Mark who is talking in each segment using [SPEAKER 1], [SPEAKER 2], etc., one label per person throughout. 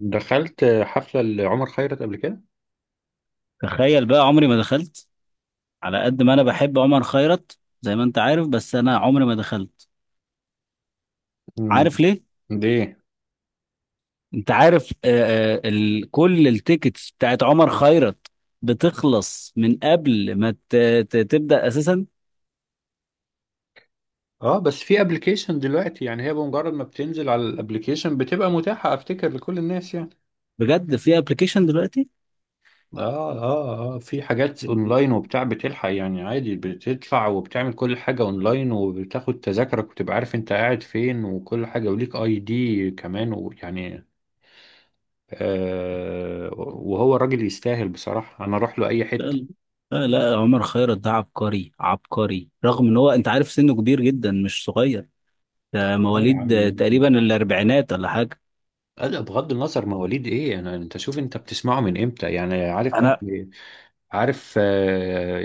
[SPEAKER 1] دخلت حفلة لعمر خيرت قبل كده.
[SPEAKER 2] تخيل بقى عمري ما دخلت. على قد ما انا بحب عمر خيرت زي ما انت عارف بس انا عمري ما دخلت.
[SPEAKER 1] مم.
[SPEAKER 2] عارف ليه؟
[SPEAKER 1] ليه؟
[SPEAKER 2] انت عارف ال كل التيكتس بتاعت عمر خيرت بتخلص من قبل ما تبدأ اساسا.
[SPEAKER 1] اه، بس في ابلكيشن دلوقتي يعني هي بمجرد ما بتنزل على الابلكيشن بتبقى متاحة افتكر لكل الناس يعني.
[SPEAKER 2] بجد في ابلكيشن دلوقتي؟
[SPEAKER 1] اه اه اه، في حاجات اونلاين وبتاع بتلحق يعني عادي، بتدفع وبتعمل كل حاجة اونلاين وبتاخد تذاكرك وتبقى عارف انت قاعد فين وكل حاجة، وليك اي دي كمان، ويعني آه وهو الراجل يستاهل بصراحة، انا اروح له اي
[SPEAKER 2] لا
[SPEAKER 1] حتة.
[SPEAKER 2] لا، عمر خيرت ده عبقري عبقري، رغم ان هو انت عارف سنه كبير جدا مش صغير. ده
[SPEAKER 1] اه يا
[SPEAKER 2] مواليد
[SPEAKER 1] عم.
[SPEAKER 2] تقريبا الاربعينات ولا حاجة.
[SPEAKER 1] لا لا، بغض النظر مواليد ايه، انا انت شوف انت بتسمعه من امتى يعني، عارف؟
[SPEAKER 2] انا.
[SPEAKER 1] عارف. آه،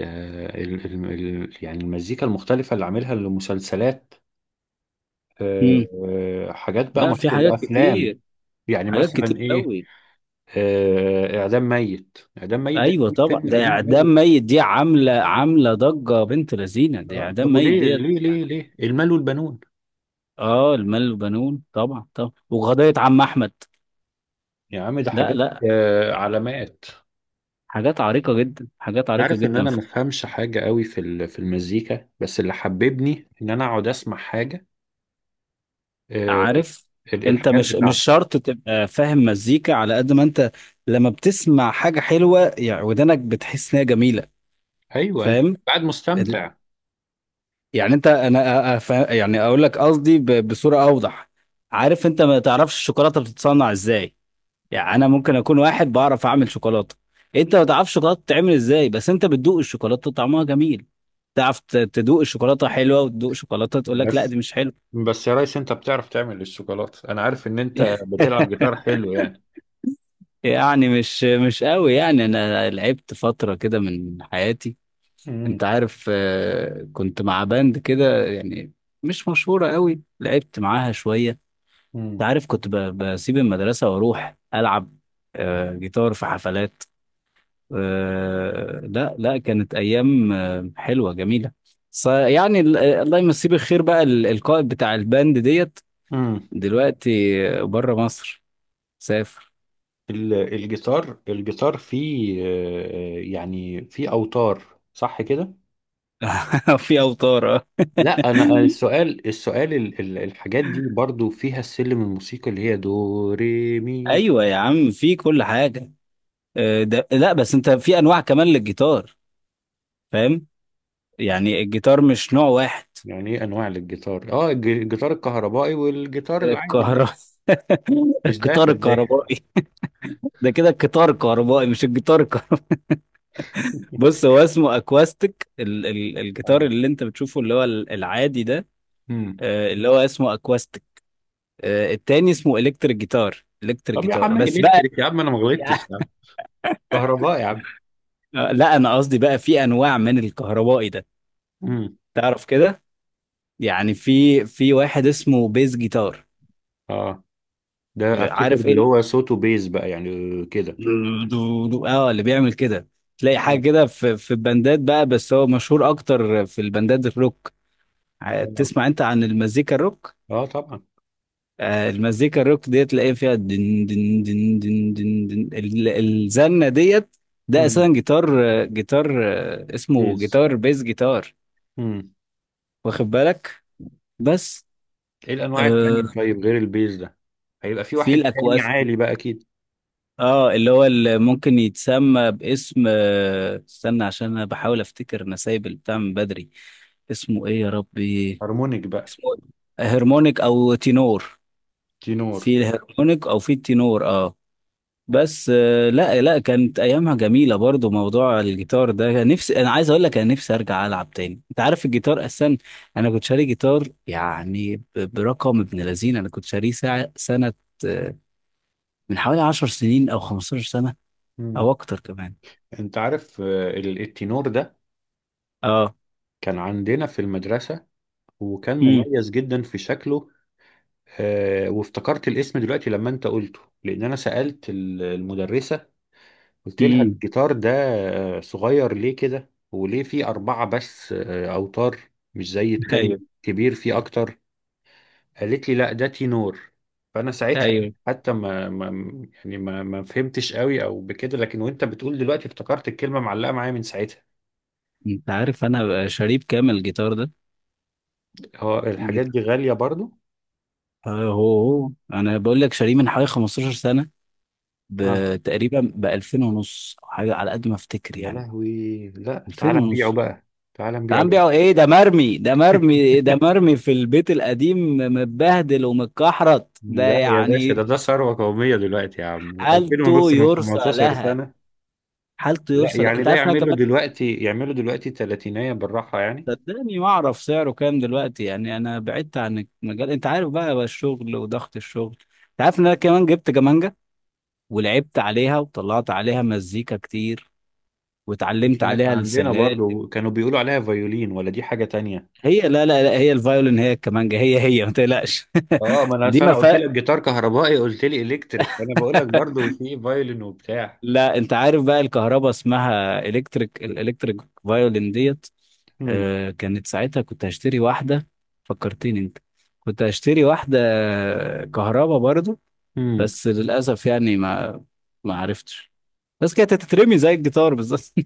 [SPEAKER 1] آه، ال- ال- ال- يعني المزيكا المختلفه اللي عاملها لمسلسلات. آه،
[SPEAKER 2] مم.
[SPEAKER 1] حاجات بقى
[SPEAKER 2] لا، في
[SPEAKER 1] مشهوره
[SPEAKER 2] حاجات
[SPEAKER 1] وافلام.
[SPEAKER 2] كتير،
[SPEAKER 1] يعني
[SPEAKER 2] حاجات كتير
[SPEAKER 1] مثلا ايه؟
[SPEAKER 2] قوي.
[SPEAKER 1] اعدام ميت، اعدام ميت ده
[SPEAKER 2] ايوه طبعا
[SPEAKER 1] فيلم
[SPEAKER 2] ده
[SPEAKER 1] قديم
[SPEAKER 2] اعدام
[SPEAKER 1] قوي.
[SPEAKER 2] ميت، دي عامله ضجه بنت لذينه، دي
[SPEAKER 1] اه، طب
[SPEAKER 2] اعدام ميت
[SPEAKER 1] وليه
[SPEAKER 2] ديت.
[SPEAKER 1] ليه ليه ليه المال والبنون.
[SPEAKER 2] اه، المال والبنون طبعا طبعا، وقضيه عم احمد.
[SPEAKER 1] يا عم ده
[SPEAKER 2] لا
[SPEAKER 1] حاجات.
[SPEAKER 2] لا،
[SPEAKER 1] علامات.
[SPEAKER 2] حاجات عريقه جدا، حاجات عريقه
[SPEAKER 1] عارف ان
[SPEAKER 2] جدا
[SPEAKER 1] انا ما
[SPEAKER 2] في...
[SPEAKER 1] بفهمش حاجه قوي في في المزيكا، بس اللي حببني ان انا اقعد اسمع حاجه. آه،
[SPEAKER 2] عارف انت
[SPEAKER 1] الحاجات
[SPEAKER 2] مش
[SPEAKER 1] بتاعته.
[SPEAKER 2] شرط تبقى فاهم مزيكا على قد ما انت لما بتسمع حاجه حلوه، يعني ودنك بتحس انها جميله.
[SPEAKER 1] ايوه انت
[SPEAKER 2] فاهم.
[SPEAKER 1] قاعد
[SPEAKER 2] ال-
[SPEAKER 1] مستمتع.
[SPEAKER 2] يعني انت انا يعني اقول لك قصدي بصوره اوضح. عارف انت ما تعرفش الشوكولاته بتتصنع ازاي؟ يعني انا ممكن اكون واحد بعرف اعمل شوكولاته. انت ما تعرفش شوكولاته بتتعمل ازاي بس انت بتدوق الشوكولاته طعمها جميل. تعرف تدوق الشوكولاته حلوه، وتدوق شوكولاته تقول لك لا
[SPEAKER 1] بس
[SPEAKER 2] دي مش حلوه.
[SPEAKER 1] بس يا ريس انت بتعرف تعمل الشوكولاته، انا عارف ان انت بتلعب جيتار حلو يعني.
[SPEAKER 2] يعني مش قوي يعني، انا لعبت فتره كده من حياتي.
[SPEAKER 1] امم.
[SPEAKER 2] انت عارف كنت مع باند كده يعني، مش مشهوره قوي، لعبت معاها شويه. انت
[SPEAKER 1] امم.
[SPEAKER 2] عارف كنت بسيب المدرسه واروح العب جيتار في حفلات. لا لا، كانت ايام حلوه جميله. يعني الله يمسيه بالخير بقى القائد بتاع الباند ديت
[SPEAKER 1] امم.
[SPEAKER 2] دلوقتي بره مصر، سافر.
[SPEAKER 1] الجيتار، الجيتار فيه يعني فيه اوتار صح كده.
[SPEAKER 2] في اوتار اه.
[SPEAKER 1] لا انا السؤال، الحاجات دي برضو فيها السلم الموسيقي اللي هي دو ري مي فا.
[SPEAKER 2] ايوه يا عم، في كل حاجه. ده لا بس انت في انواع كمان للجيتار. فاهم؟ يعني الجيتار مش نوع واحد.
[SPEAKER 1] يعني ايه انواع للجيتار؟ اه الجيتار الكهربائي والجيتار العادي اللي-.
[SPEAKER 2] الكهرباء.
[SPEAKER 1] مش ده
[SPEAKER 2] القطار
[SPEAKER 1] ولا ايه؟
[SPEAKER 2] الكهربائي. ده كده القطار الكهربائي مش الجيتار الكهربائي. بص هو اسمه اكواستيك، الجيتار
[SPEAKER 1] اه.
[SPEAKER 2] اللي انت بتشوفه اللي هو العادي ده،
[SPEAKER 1] امم.
[SPEAKER 2] اللي هو اسمه اكواستيك. التاني اسمه الكتريك جيتار، الكتريك
[SPEAKER 1] طب يا
[SPEAKER 2] جيتار
[SPEAKER 1] عم
[SPEAKER 2] بس بقى.
[SPEAKER 1] الكتريك يا عم، انا ما غلطتش يا عم، كهرباء يا عم.
[SPEAKER 2] لا انا قصدي بقى في انواع من الكهربائي ده.
[SPEAKER 1] امم.
[SPEAKER 2] تعرف كده، يعني في واحد اسمه بيز جيتار.
[SPEAKER 1] اه، ده افتكر
[SPEAKER 2] عارف
[SPEAKER 1] اللي
[SPEAKER 2] ايه،
[SPEAKER 1] هو صوته بيز بقى يعني كده.
[SPEAKER 2] اه اللي بيعمل كده. تلاقي حاجه
[SPEAKER 1] اه
[SPEAKER 2] كده في البندات بقى، بس هو مشهور اكتر في البندات الروك.
[SPEAKER 1] اه،
[SPEAKER 2] تسمع انت عن المزيكا الروك؟
[SPEAKER 1] طبعا.
[SPEAKER 2] المزيكا الروك ديت تلاقي فيها دن دن دن دن دن دن الزنة ديت. ده اساسا
[SPEAKER 1] امم.
[SPEAKER 2] جيتار، اسمه
[SPEAKER 1] بيز.
[SPEAKER 2] جيتار بيز، جيتار.
[SPEAKER 1] امم.
[SPEAKER 2] واخد بالك؟ بس.
[SPEAKER 1] ايه الانواع التانية
[SPEAKER 2] آه،
[SPEAKER 1] طيب غير البيز ده؟ هيبقى في
[SPEAKER 2] في
[SPEAKER 1] واحد تاني
[SPEAKER 2] الاكواستيك،
[SPEAKER 1] عالي بقى اكيد.
[SPEAKER 2] اه اللي هو اللي ممكن يتسمى باسم استنى عشان انا بحاول افتكر، انا سايب البتاع من بدري. اسمه ايه يا ربي؟
[SPEAKER 1] هارمونيك بقى.
[SPEAKER 2] اسمه إيه؟ هرمونيك او تينور.
[SPEAKER 1] تينور.
[SPEAKER 2] في الهرمونيك او في التينور اه. بس لا لا، كانت ايامها جميله برضو. موضوع الجيتار ده كان نفسي، انا عايز اقول لك انا نفسي ارجع العب تاني، انت عارف الجيتار اصلا. انا كنت شاري جيتار يعني برقم ابن لذين، انا كنت شاريه ساعه سنه آه، من حوالي 10 سنين او 15 سنه،
[SPEAKER 1] امم.
[SPEAKER 2] او اكتر كمان.
[SPEAKER 1] انت عارف التينور ده
[SPEAKER 2] اه.
[SPEAKER 1] كان عندنا في المدرسة، وكان
[SPEAKER 2] امم.
[SPEAKER 1] مميز جدا في شكله. آه، وافتكرت الاسم دلوقتي لما انت قلته، لان انا سألت المدرسة، قلت لها
[SPEAKER 2] امم.
[SPEAKER 1] الجيتار ده صغير ليه كده، وليه فيه أربعة بس أوتار، مش زي التاني
[SPEAKER 2] ايوه
[SPEAKER 1] كبير فيه أكتر. قالت لي لا، ده تينور. فأنا ساعتها
[SPEAKER 2] ايوه.
[SPEAKER 1] حتى ما يعني ما فهمتش قوي أو بكده، لكن وأنت بتقول دلوقتي افتكرت الكلمة معلقة معايا من ساعتها.
[SPEAKER 2] انت عارف انا شاريه بكام الجيتار ده؟
[SPEAKER 1] هو الحاجات
[SPEAKER 2] الجيتار
[SPEAKER 1] دي غالية برضو؟
[SPEAKER 2] هو انا بقول لك شاريه من حوالي 15 سنه،
[SPEAKER 1] آه.
[SPEAKER 2] بتقريبا ب 2000 ونص، او حاجه على قد ما افتكر
[SPEAKER 1] يا
[SPEAKER 2] يعني.
[SPEAKER 1] لهوي، لا تعال
[SPEAKER 2] 2000
[SPEAKER 1] نبيعه
[SPEAKER 2] ونص.
[SPEAKER 1] بقى. تعال نبيعه.
[SPEAKER 2] تعال بيعوا ايه، ده مرمي، ده مرمي، ده مرمي في البيت القديم، متبهدل ومتكحرت ده
[SPEAKER 1] لا يا باشا، ده
[SPEAKER 2] يعني.
[SPEAKER 1] ده ثروة قومية دلوقتي يا عم، 2000
[SPEAKER 2] حالته
[SPEAKER 1] ونص من
[SPEAKER 2] يرثى
[SPEAKER 1] 15
[SPEAKER 2] لها،
[SPEAKER 1] سنة.
[SPEAKER 2] حالته
[SPEAKER 1] لا
[SPEAKER 2] يرثى لها.
[SPEAKER 1] يعني
[SPEAKER 2] انت
[SPEAKER 1] ده
[SPEAKER 2] عارف إن انا
[SPEAKER 1] يعملوا
[SPEAKER 2] كمان
[SPEAKER 1] دلوقتي، يعملوا دلوقتي تلاتينية بالراحة يعني.
[SPEAKER 2] صدقني ما اعرف سعره كام دلوقتي يعني، انا بعدت عن المجال انت عارف بقى، الشغل وضغط الشغل. انت عارف ان انا كمان جبت كمانجة، ولعبت عليها وطلعت عليها مزيكا كتير، واتعلمت
[SPEAKER 1] كانت
[SPEAKER 2] عليها
[SPEAKER 1] عندنا
[SPEAKER 2] السلال.
[SPEAKER 1] برضو، كانوا بيقولوا عليها فيولين ولا دي حاجة تانية؟
[SPEAKER 2] هي لا، هي الفيولين هي الكمانجة هي هي، ما تقلقش.
[SPEAKER 1] اه، ما انا
[SPEAKER 2] دي
[SPEAKER 1] أصل
[SPEAKER 2] ما
[SPEAKER 1] انا قلت
[SPEAKER 2] فرق.
[SPEAKER 1] لك جيتار كهربائي قلت لي الكتريك، فانا بقول لك برضو في فيولين وبتاع.
[SPEAKER 2] لا انت عارف بقى الكهرباء اسمها الكتريك، الالكتريك فايولين ديت.
[SPEAKER 1] امم.
[SPEAKER 2] كانت ساعتها كنت هشتري واحدة، فكرتني انت. كنت هشتري واحدة كهرباء برضو،
[SPEAKER 1] امم.
[SPEAKER 2] بس للأسف يعني ما عرفتش. بس كانت هتترمي زي الجيتار بالظبط.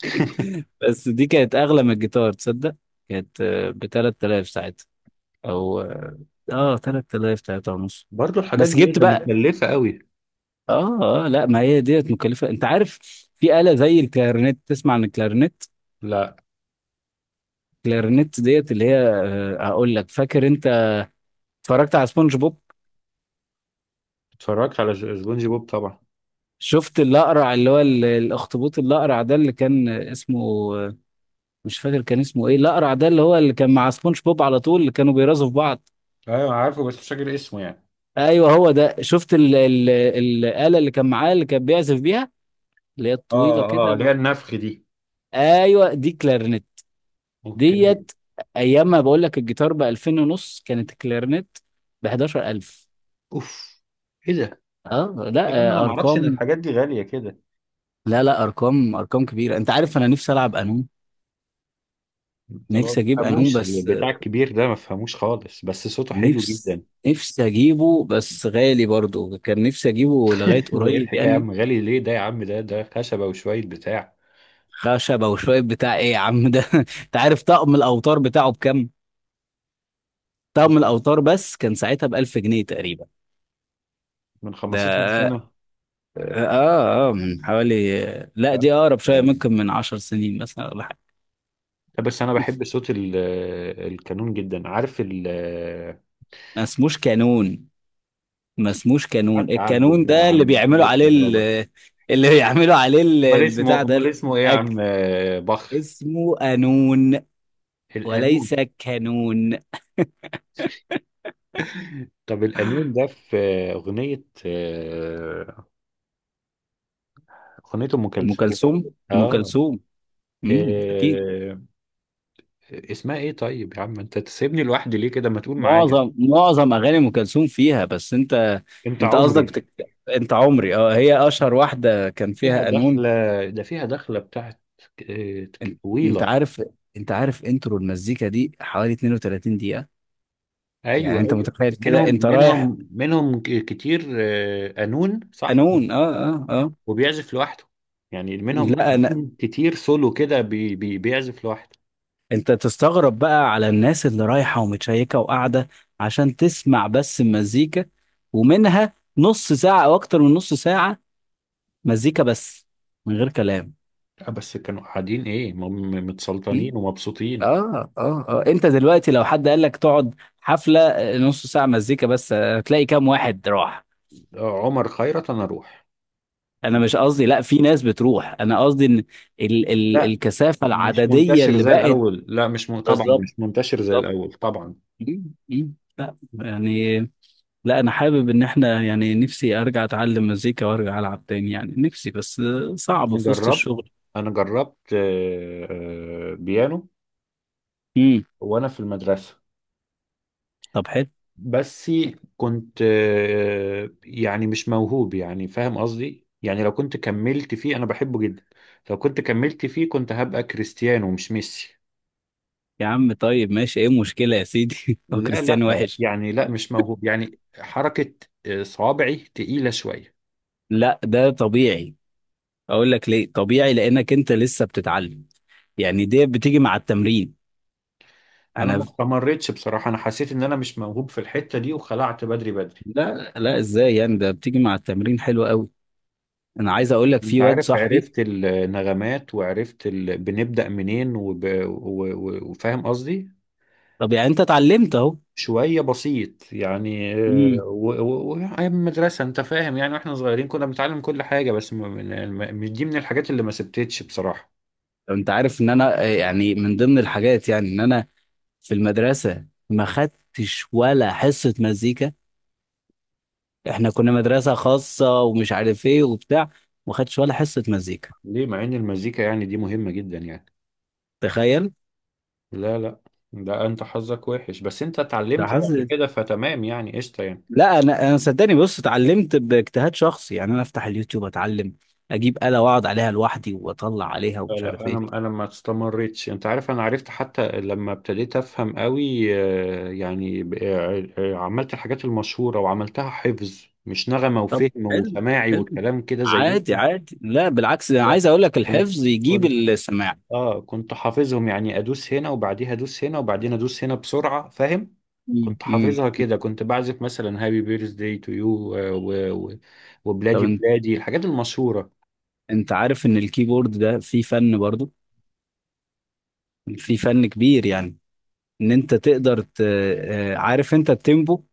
[SPEAKER 2] بس دي كانت أغلى من الجيتار، تصدق؟ كانت ب 3000 ساعتها، أو اه 3000، 3 ونص.
[SPEAKER 1] برضو الحاجات
[SPEAKER 2] بس
[SPEAKER 1] دي ايه،
[SPEAKER 2] جبت
[SPEAKER 1] ده
[SPEAKER 2] بقى.
[SPEAKER 1] مكلفة قوي.
[SPEAKER 2] اه اه لا ما هي ديت مكلفه. انت عارف في آلة زي الكلارينيت، تسمع عن الكلارينيت؟
[SPEAKER 1] لا.
[SPEAKER 2] الكلارينيت ديت اللي هي هقول لك، فاكر انت اتفرجت على سبونج بوب؟
[SPEAKER 1] اتفرجت على سبونج بوب طبعا.
[SPEAKER 2] شفت الاقرع اللي هو الاخطبوط الاقرع ده اللي كان اسمه آه، مش فاكر كان اسمه ايه، الاقرع ده اللي هو اللي كان مع سبونج بوب على طول اللي كانوا بيرازوا في بعض.
[SPEAKER 1] ايوه عارفه، بس مش فاكر اسمه يعني.
[SPEAKER 2] ايوه هو ده. شفت ال ال الآلة اللي كان معاه اللي كان بيعزف بيها، اللي هي الطويله
[SPEAKER 1] اه اه،
[SPEAKER 2] كده
[SPEAKER 1] اللي
[SPEAKER 2] و...
[SPEAKER 1] هي النفخ دي.
[SPEAKER 2] ايوه دي كلارينيت
[SPEAKER 1] اوكي.
[SPEAKER 2] ديت. ايام ما بقول لك الجيتار ب 2000 ونص، كانت الكلارنت ب 11000.
[SPEAKER 1] اوف. ايه ده
[SPEAKER 2] اه لا
[SPEAKER 1] يا عم، انا ما اعرفش ان
[SPEAKER 2] ارقام.
[SPEAKER 1] الحاجات دي غالية كده.
[SPEAKER 2] لا لا، ارقام ارقام كبيره. انت عارف انا نفسي العب قانون.
[SPEAKER 1] انا ما
[SPEAKER 2] نفسي اجيب قانون
[SPEAKER 1] بفهموش
[SPEAKER 2] بس
[SPEAKER 1] البتاع الكبير ده، ما بفهموش خالص، بس صوته حلو
[SPEAKER 2] نفس
[SPEAKER 1] جدا.
[SPEAKER 2] نفسي اجيبه، بس غالي برضو، كان نفسي اجيبه لغايه
[SPEAKER 1] ده ايه
[SPEAKER 2] قريب
[SPEAKER 1] الحكايه يا
[SPEAKER 2] يعني.
[SPEAKER 1] عم، غالي ليه ده يا عم، ده ده خشبه وشويه بتاع.
[SPEAKER 2] خشبه وشويه بتاع ايه يا عم ده؟ انت عارف طقم الاوتار بتاعه بكام؟ طقم الاوتار بس كان ساعتها ب 1000 جنيه تقريبا.
[SPEAKER 1] من
[SPEAKER 2] ده
[SPEAKER 1] 15 سنه؟
[SPEAKER 2] اه اه من حوالي، لا
[SPEAKER 1] فاهم؟
[SPEAKER 2] دي اقرب شويه،
[SPEAKER 1] يعني
[SPEAKER 2] ممكن من عشر سنين مثلا ولا حاجه.
[SPEAKER 1] لا، بس انا بحب صوت القانون جدا، عارف
[SPEAKER 2] ما اسموش كانون، ما اسموش كانون.
[SPEAKER 1] قعدت اعدل
[SPEAKER 2] الكانون
[SPEAKER 1] بقى
[SPEAKER 2] ده اللي
[SPEAKER 1] عن وكيل
[SPEAKER 2] بيعملوا عليه ال...
[SPEAKER 1] الكهرباء.
[SPEAKER 2] اللي بيعملوا عليه
[SPEAKER 1] امال
[SPEAKER 2] البتاع
[SPEAKER 1] اسمه،
[SPEAKER 2] ده
[SPEAKER 1] امال اسمه ايه يا
[SPEAKER 2] الاكل.
[SPEAKER 1] عم بخ.
[SPEAKER 2] اسمه قانون
[SPEAKER 1] القانون.
[SPEAKER 2] وليس كانون.
[SPEAKER 1] طب القانون ده في اغنيه، اغنيه ام
[SPEAKER 2] ام
[SPEAKER 1] كلثوم.
[SPEAKER 2] كلثوم، ام
[SPEAKER 1] اه.
[SPEAKER 2] كلثوم. امم، اكيد.
[SPEAKER 1] آه. اسمها ايه طيب يا عم، انت تسيبني لوحدي ليه كده، ما تقول معايا.
[SPEAKER 2] معظم معظم اغاني ام كلثوم فيها، بس انت
[SPEAKER 1] انت
[SPEAKER 2] انت قصدك
[SPEAKER 1] عمري.
[SPEAKER 2] بتك... انت عمري. اه، هي اشهر واحده كان فيها
[SPEAKER 1] فيها
[SPEAKER 2] قانون.
[SPEAKER 1] دخلة، ده فيها دخلة بتاعت آه،
[SPEAKER 2] انت انت
[SPEAKER 1] طويلة.
[SPEAKER 2] عارف انت عارف انترو المزيكا دي حوالي 32 دقيقة.
[SPEAKER 1] ايوه
[SPEAKER 2] يعني انت
[SPEAKER 1] ايوه.
[SPEAKER 2] متخيل كده
[SPEAKER 1] منهم
[SPEAKER 2] انت رايح.
[SPEAKER 1] منهم منهم ك- كتير قانون صح،
[SPEAKER 2] قانون اه. اه اه.
[SPEAKER 1] وبيعزف لوحده. يعني منهم
[SPEAKER 2] لا انا
[SPEAKER 1] قانون كتير، سولو كده، بي بي بيعزف لوحده.
[SPEAKER 2] انت تستغرب بقى على الناس اللي رايحة ومتشيكة وقاعدة عشان تسمع بس المزيكا، ومنها نص ساعة او اكتر من نص ساعة مزيكا بس، من غير كلام.
[SPEAKER 1] آه، بس كانوا قاعدين ايه
[SPEAKER 2] م?
[SPEAKER 1] متسلطنين ومبسوطين.
[SPEAKER 2] اه. اه اه انت دلوقتي لو حد قال لك تقعد حفلة نص ساعة مزيكا بس، هتلاقي كام واحد راح.
[SPEAKER 1] عمر خيرت انا اروح.
[SPEAKER 2] انا مش قصدي لا، في ناس بتروح. انا قصدي ان ال ال
[SPEAKER 1] لا
[SPEAKER 2] الكثافه
[SPEAKER 1] مش
[SPEAKER 2] العدديه
[SPEAKER 1] منتشر
[SPEAKER 2] اللي
[SPEAKER 1] زي
[SPEAKER 2] بقت.
[SPEAKER 1] الاول، لا مش م... طبعا
[SPEAKER 2] بالظبط،
[SPEAKER 1] مش منتشر زي
[SPEAKER 2] بالظبط.
[SPEAKER 1] الاول طبعا.
[SPEAKER 2] مم، مم. لا يعني، لا انا حابب ان احنا يعني نفسي ارجع اتعلم مزيكا وارجع العب تاني يعني، نفسي بس صعب
[SPEAKER 1] انا
[SPEAKER 2] في وسط
[SPEAKER 1] جربت،
[SPEAKER 2] الشغل.
[SPEAKER 1] بيانو
[SPEAKER 2] امم.
[SPEAKER 1] وانا في المدرسه.
[SPEAKER 2] طب حلو.
[SPEAKER 1] بس كنت يعني مش موهوب يعني، فاهم قصدي، يعني لو كنت كملت فيه انا بحبه جدا. لو كنت كملت فيه كنت هبقى كريستيانو مش ميسي.
[SPEAKER 2] يا عم طيب ماشي، ايه المشكله يا سيدي؟ هو
[SPEAKER 1] لا
[SPEAKER 2] كريستيانو
[SPEAKER 1] لا
[SPEAKER 2] وحش؟
[SPEAKER 1] يعني، لا مش موهوب يعني حركه، صوابعي تقيله شويه.
[SPEAKER 2] لا ده طبيعي. اقول لك ليه طبيعي، لانك انت لسه بتتعلم، يعني دي بتيجي مع التمرين.
[SPEAKER 1] انا ما
[SPEAKER 2] انا.
[SPEAKER 1] استمرتش بصراحه، انا حسيت ان انا مش موهوب في الحته دي وخلعت بدري بدري.
[SPEAKER 2] لا لا ازاي يعني؟ ده بتيجي مع التمرين. حلو قوي. انا عايز اقول لك
[SPEAKER 1] انت
[SPEAKER 2] في واد
[SPEAKER 1] عارف،
[SPEAKER 2] صاحبي.
[SPEAKER 1] عرفت النغمات وعرفت ال... بنبدأ منين وفاهم قصدي.
[SPEAKER 2] طب يعني انت اتعلمت اهو.
[SPEAKER 1] شوية بسيط يعني،
[SPEAKER 2] امم.
[SPEAKER 1] أيام المدرسة انت فاهم يعني، واحنا صغيرين كنا بنتعلم كل حاجة، بس مش دي من الحاجات اللي ما سبتتش بصراحة.
[SPEAKER 2] انت عارف ان انا يعني من ضمن الحاجات يعني ان انا في المدرسه ما خدتش ولا حصه مزيكا. احنا كنا مدرسه خاصه ومش عارف ايه وبتاع، ما خدتش ولا حصه مزيكا.
[SPEAKER 1] ليه، مع ان المزيكا يعني دي مهمة جدا يعني؟
[SPEAKER 2] تخيل.
[SPEAKER 1] لا لا، ده انت حظك وحش، بس انت
[SPEAKER 2] ده
[SPEAKER 1] اتعلمت بعد
[SPEAKER 2] حظ.
[SPEAKER 1] كده فتمام يعني، قشطة يعني.
[SPEAKER 2] لا انا، انا صدقني بص، اتعلمت باجتهاد شخصي يعني. انا افتح اليوتيوب اتعلم، اجيب آلة واقعد عليها لوحدي واطلع عليها
[SPEAKER 1] لا
[SPEAKER 2] ومش
[SPEAKER 1] لا،
[SPEAKER 2] عارف
[SPEAKER 1] انا
[SPEAKER 2] ايه.
[SPEAKER 1] انا ما استمرتش، انت عارف. انا عرفت حتى لما ابتديت افهم قوي، يعني عملت الحاجات المشهوره وعملتها حفظ، مش نغمه
[SPEAKER 2] طب
[SPEAKER 1] وفهم
[SPEAKER 2] حلو،
[SPEAKER 1] وسماعي
[SPEAKER 2] حلو.
[SPEAKER 1] وكلام كده زيهم.
[SPEAKER 2] عادي، عادي، لا بالعكس، ده انا
[SPEAKER 1] لا.
[SPEAKER 2] عايز اقول لك
[SPEAKER 1] كنت
[SPEAKER 2] الحفظ يجيب
[SPEAKER 1] كنت
[SPEAKER 2] السماع.
[SPEAKER 1] اه كنت حافظهم يعني، ادوس هنا وبعديها ادوس هنا وبعدين ادوس هنا بسرعه، فاهم.
[SPEAKER 2] مم.
[SPEAKER 1] كنت
[SPEAKER 2] مم.
[SPEAKER 1] حافظها كده، كنت بعزف مثلا هابي بيرث داي تو يو،
[SPEAKER 2] طب
[SPEAKER 1] وبلادي
[SPEAKER 2] انت
[SPEAKER 1] بلادي، الحاجات المشهوره.
[SPEAKER 2] انت عارف ان الكيبورد ده فيه فن برضو، فيه فن كبير يعني. ان انت تقدر ت... عارف انت التيمبو.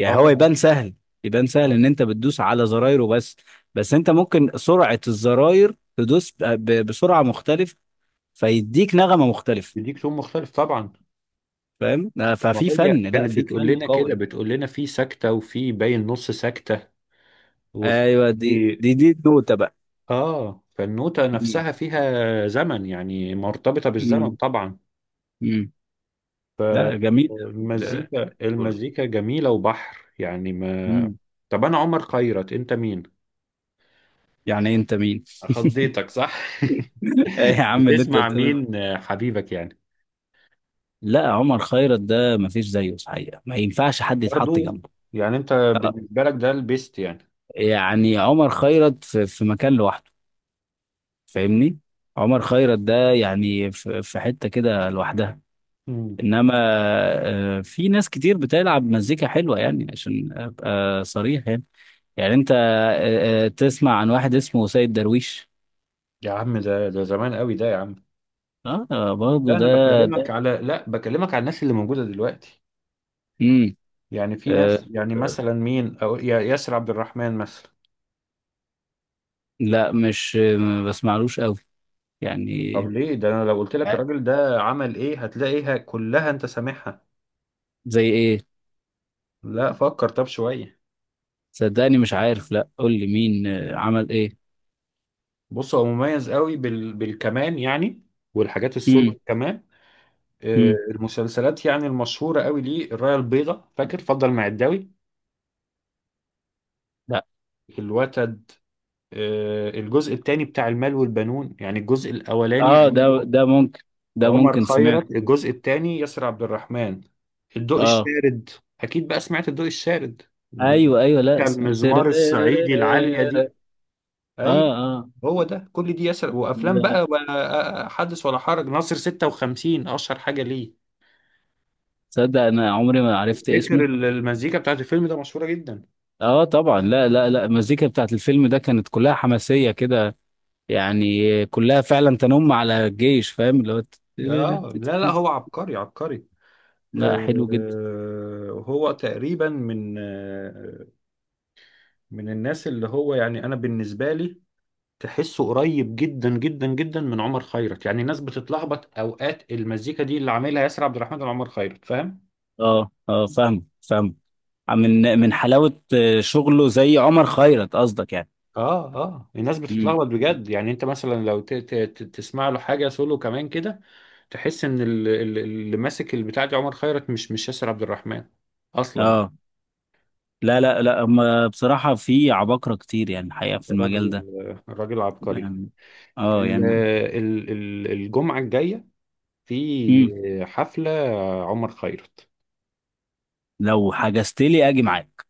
[SPEAKER 1] اه.
[SPEAKER 2] هو يبان
[SPEAKER 1] آه.
[SPEAKER 2] سهل، يبان سهل
[SPEAKER 1] آه.
[SPEAKER 2] ان انت بتدوس على زرايره بس. بس انت ممكن سرعة الزراير تدوس بسرعة مختلفة، فيديك نغمة مختلفة.
[SPEAKER 1] بيديك تون مختلف طبعا.
[SPEAKER 2] فاهم؟ آه،
[SPEAKER 1] ما
[SPEAKER 2] ففي
[SPEAKER 1] هي
[SPEAKER 2] فن، لا
[SPEAKER 1] كانت
[SPEAKER 2] في
[SPEAKER 1] بتقول
[SPEAKER 2] فن
[SPEAKER 1] لنا كده،
[SPEAKER 2] قوي.
[SPEAKER 1] بتقول لنا في سكتة، وفي باين نص سكتة، وفي.
[SPEAKER 2] ايوه دي النوتة بقى.
[SPEAKER 1] اه، فالنوتة
[SPEAKER 2] مم.
[SPEAKER 1] نفسها فيها زمن يعني، مرتبطة بالزمن
[SPEAKER 2] مم.
[SPEAKER 1] طبعا.
[SPEAKER 2] مم. لا جميل. ال-
[SPEAKER 1] المزيكا جميلة وبحر يعني ما.
[SPEAKER 2] مم.
[SPEAKER 1] طب أنا عمر خيرت، أنت مين؟
[SPEAKER 2] يعني انت مين؟
[SPEAKER 1] خضيتك صح؟
[SPEAKER 2] إيه يا عم اللي انت
[SPEAKER 1] بتسمع
[SPEAKER 2] قلت؟
[SPEAKER 1] مين حبيبك يعني؟
[SPEAKER 2] لا، عمر خيرت ده ما فيش زيه الحقيقه، ما ينفعش حد
[SPEAKER 1] برضو،
[SPEAKER 2] يتحط جنبه.
[SPEAKER 1] يعني أنت
[SPEAKER 2] آه.
[SPEAKER 1] بالنسبة لك ده البيست يعني.
[SPEAKER 2] يعني عمر خيرت في مكان لوحده. فاهمني؟ عمر خيرت ده يعني في حته كده لوحدها.
[SPEAKER 1] مم.
[SPEAKER 2] انما في ناس كتير بتلعب مزيكا حلوه يعني، عشان ابقى صريح يعني. يعني انت تسمع عن واحد اسمه سيد درويش؟
[SPEAKER 1] يا عم ده ده زمان قوي ده يا عم.
[SPEAKER 2] اه
[SPEAKER 1] لا
[SPEAKER 2] برضه
[SPEAKER 1] انا بكلمك
[SPEAKER 2] ده.
[SPEAKER 1] على، لا بكلمك على الناس اللي موجوده دلوقتي.
[SPEAKER 2] امم.
[SPEAKER 1] يعني في ناس
[SPEAKER 2] أه.
[SPEAKER 1] يعني،
[SPEAKER 2] آه،
[SPEAKER 1] مثلا مين، او ياسر عبد الرحمن مثلا.
[SPEAKER 2] لا مش ما بسمعلوش قوي
[SPEAKER 1] طب
[SPEAKER 2] يعني.
[SPEAKER 1] ليه ده، انا لو قلت لك
[SPEAKER 2] ع-
[SPEAKER 1] الراجل ده عمل ايه هتلاقيها كلها انت سامعها.
[SPEAKER 2] زي ايه؟
[SPEAKER 1] لا فكر طب شويه.
[SPEAKER 2] صدقني مش عارف، لا قول لي مين عمل ايه.
[SPEAKER 1] بص هو مميز قوي بال... بالكمان يعني، والحاجات
[SPEAKER 2] امم.
[SPEAKER 1] السولو كمان.
[SPEAKER 2] امم.
[SPEAKER 1] المسلسلات يعني المشهوره قوي، ليه، الرايه البيضاء فاكر، فضل معداوي،
[SPEAKER 2] لا
[SPEAKER 1] الوتد، الجزء الثاني بتاع المال والبنون، يعني الجزء الاولاني
[SPEAKER 2] اه ده
[SPEAKER 1] عمله
[SPEAKER 2] ده ممكن، ده
[SPEAKER 1] عمر
[SPEAKER 2] ممكن سمعت.
[SPEAKER 1] خيرت، الجزء الثاني ياسر عبد الرحمن، الضوء
[SPEAKER 2] اه
[SPEAKER 1] الشارد. اكيد بقى سمعت الضوء الشارد من-.
[SPEAKER 2] ايوه ايوه لا
[SPEAKER 1] كان
[SPEAKER 2] سمعت
[SPEAKER 1] المزمار الصعيدي العالية دي.
[SPEAKER 2] تررررررررر.
[SPEAKER 1] ايوه
[SPEAKER 2] اه اه
[SPEAKER 1] هو ده، كل دي ياسر، وافلام بقى
[SPEAKER 2] لا،
[SPEAKER 1] ولا حدث ولا حرج، ناصر 56 اشهر حاجة ليه.
[SPEAKER 2] تصدق انا عمري ما عرفت
[SPEAKER 1] فكر
[SPEAKER 2] اسمه.
[SPEAKER 1] المزيكا بتاعت الفيلم ده مشهورة جدا.
[SPEAKER 2] اه طبعا، لا، المزيكا بتاعت الفيلم ده كانت كلها حماسيه كده يعني، كلها فعلا تنم على الجيش فاهم اللي هو.
[SPEAKER 1] اه لا لا، هو عبقري عبقري.
[SPEAKER 2] لا
[SPEAKER 1] آه،
[SPEAKER 2] حلو جدا.
[SPEAKER 1] هو تقريبا من من الناس اللي هو يعني انا بالنسبة لي تحسه قريب جدا جدا جدا من عمر خيرت، يعني الناس بتتلخبط اوقات، المزيكا دي اللي عاملها ياسر عبد الرحمن وعمر خيرت، فاهم.
[SPEAKER 2] اه اه فاهم، فاهم. من من حلاوة شغله زي عمر خيرت قصدك يعني.
[SPEAKER 1] اه اه، الناس
[SPEAKER 2] امم.
[SPEAKER 1] بتتلخبط بجد يعني، انت مثلا لو تسمع له حاجه سولو كمان كده، تحس ان اللي ماسك البتاع دي عمر خيرت، مش ياسر عبد الرحمن اصلا.
[SPEAKER 2] اه لا، هم بصراحة في عباقرة كتير يعني الحقيقة في المجال
[SPEAKER 1] الراجل
[SPEAKER 2] ده
[SPEAKER 1] الراجل عبقري.
[SPEAKER 2] يعني. اه يعني.
[SPEAKER 1] الجمعه الجايه
[SPEAKER 2] امم.
[SPEAKER 1] في حفله عمر خيرت.
[SPEAKER 2] لو حجزت لي اجي معاك.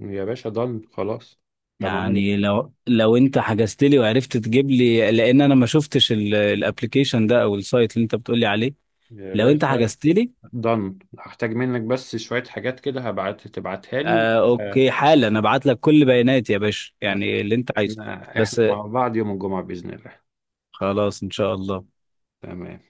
[SPEAKER 1] يا باشا ضن خلاص. تمام
[SPEAKER 2] يعني لو انت حجزت لي وعرفت تجيب لي، لان انا ما شفتش الابلكيشن ده او السايت اللي انت بتقول لي عليه.
[SPEAKER 1] يا
[SPEAKER 2] لو انت
[SPEAKER 1] باشا.
[SPEAKER 2] حجزت لي.
[SPEAKER 1] دن هحتاج منك بس شوية حاجات كده، هبعت تبعتها لي و...
[SPEAKER 2] آه
[SPEAKER 1] آه،
[SPEAKER 2] اوكي، حالا انا ابعت لك كل بياناتي يا باشا، يعني اللي انت عايزه.
[SPEAKER 1] احنا
[SPEAKER 2] بس
[SPEAKER 1] مع بعض يوم الجمعة بإذن الله.
[SPEAKER 2] خلاص إن شاء الله.
[SPEAKER 1] تمام.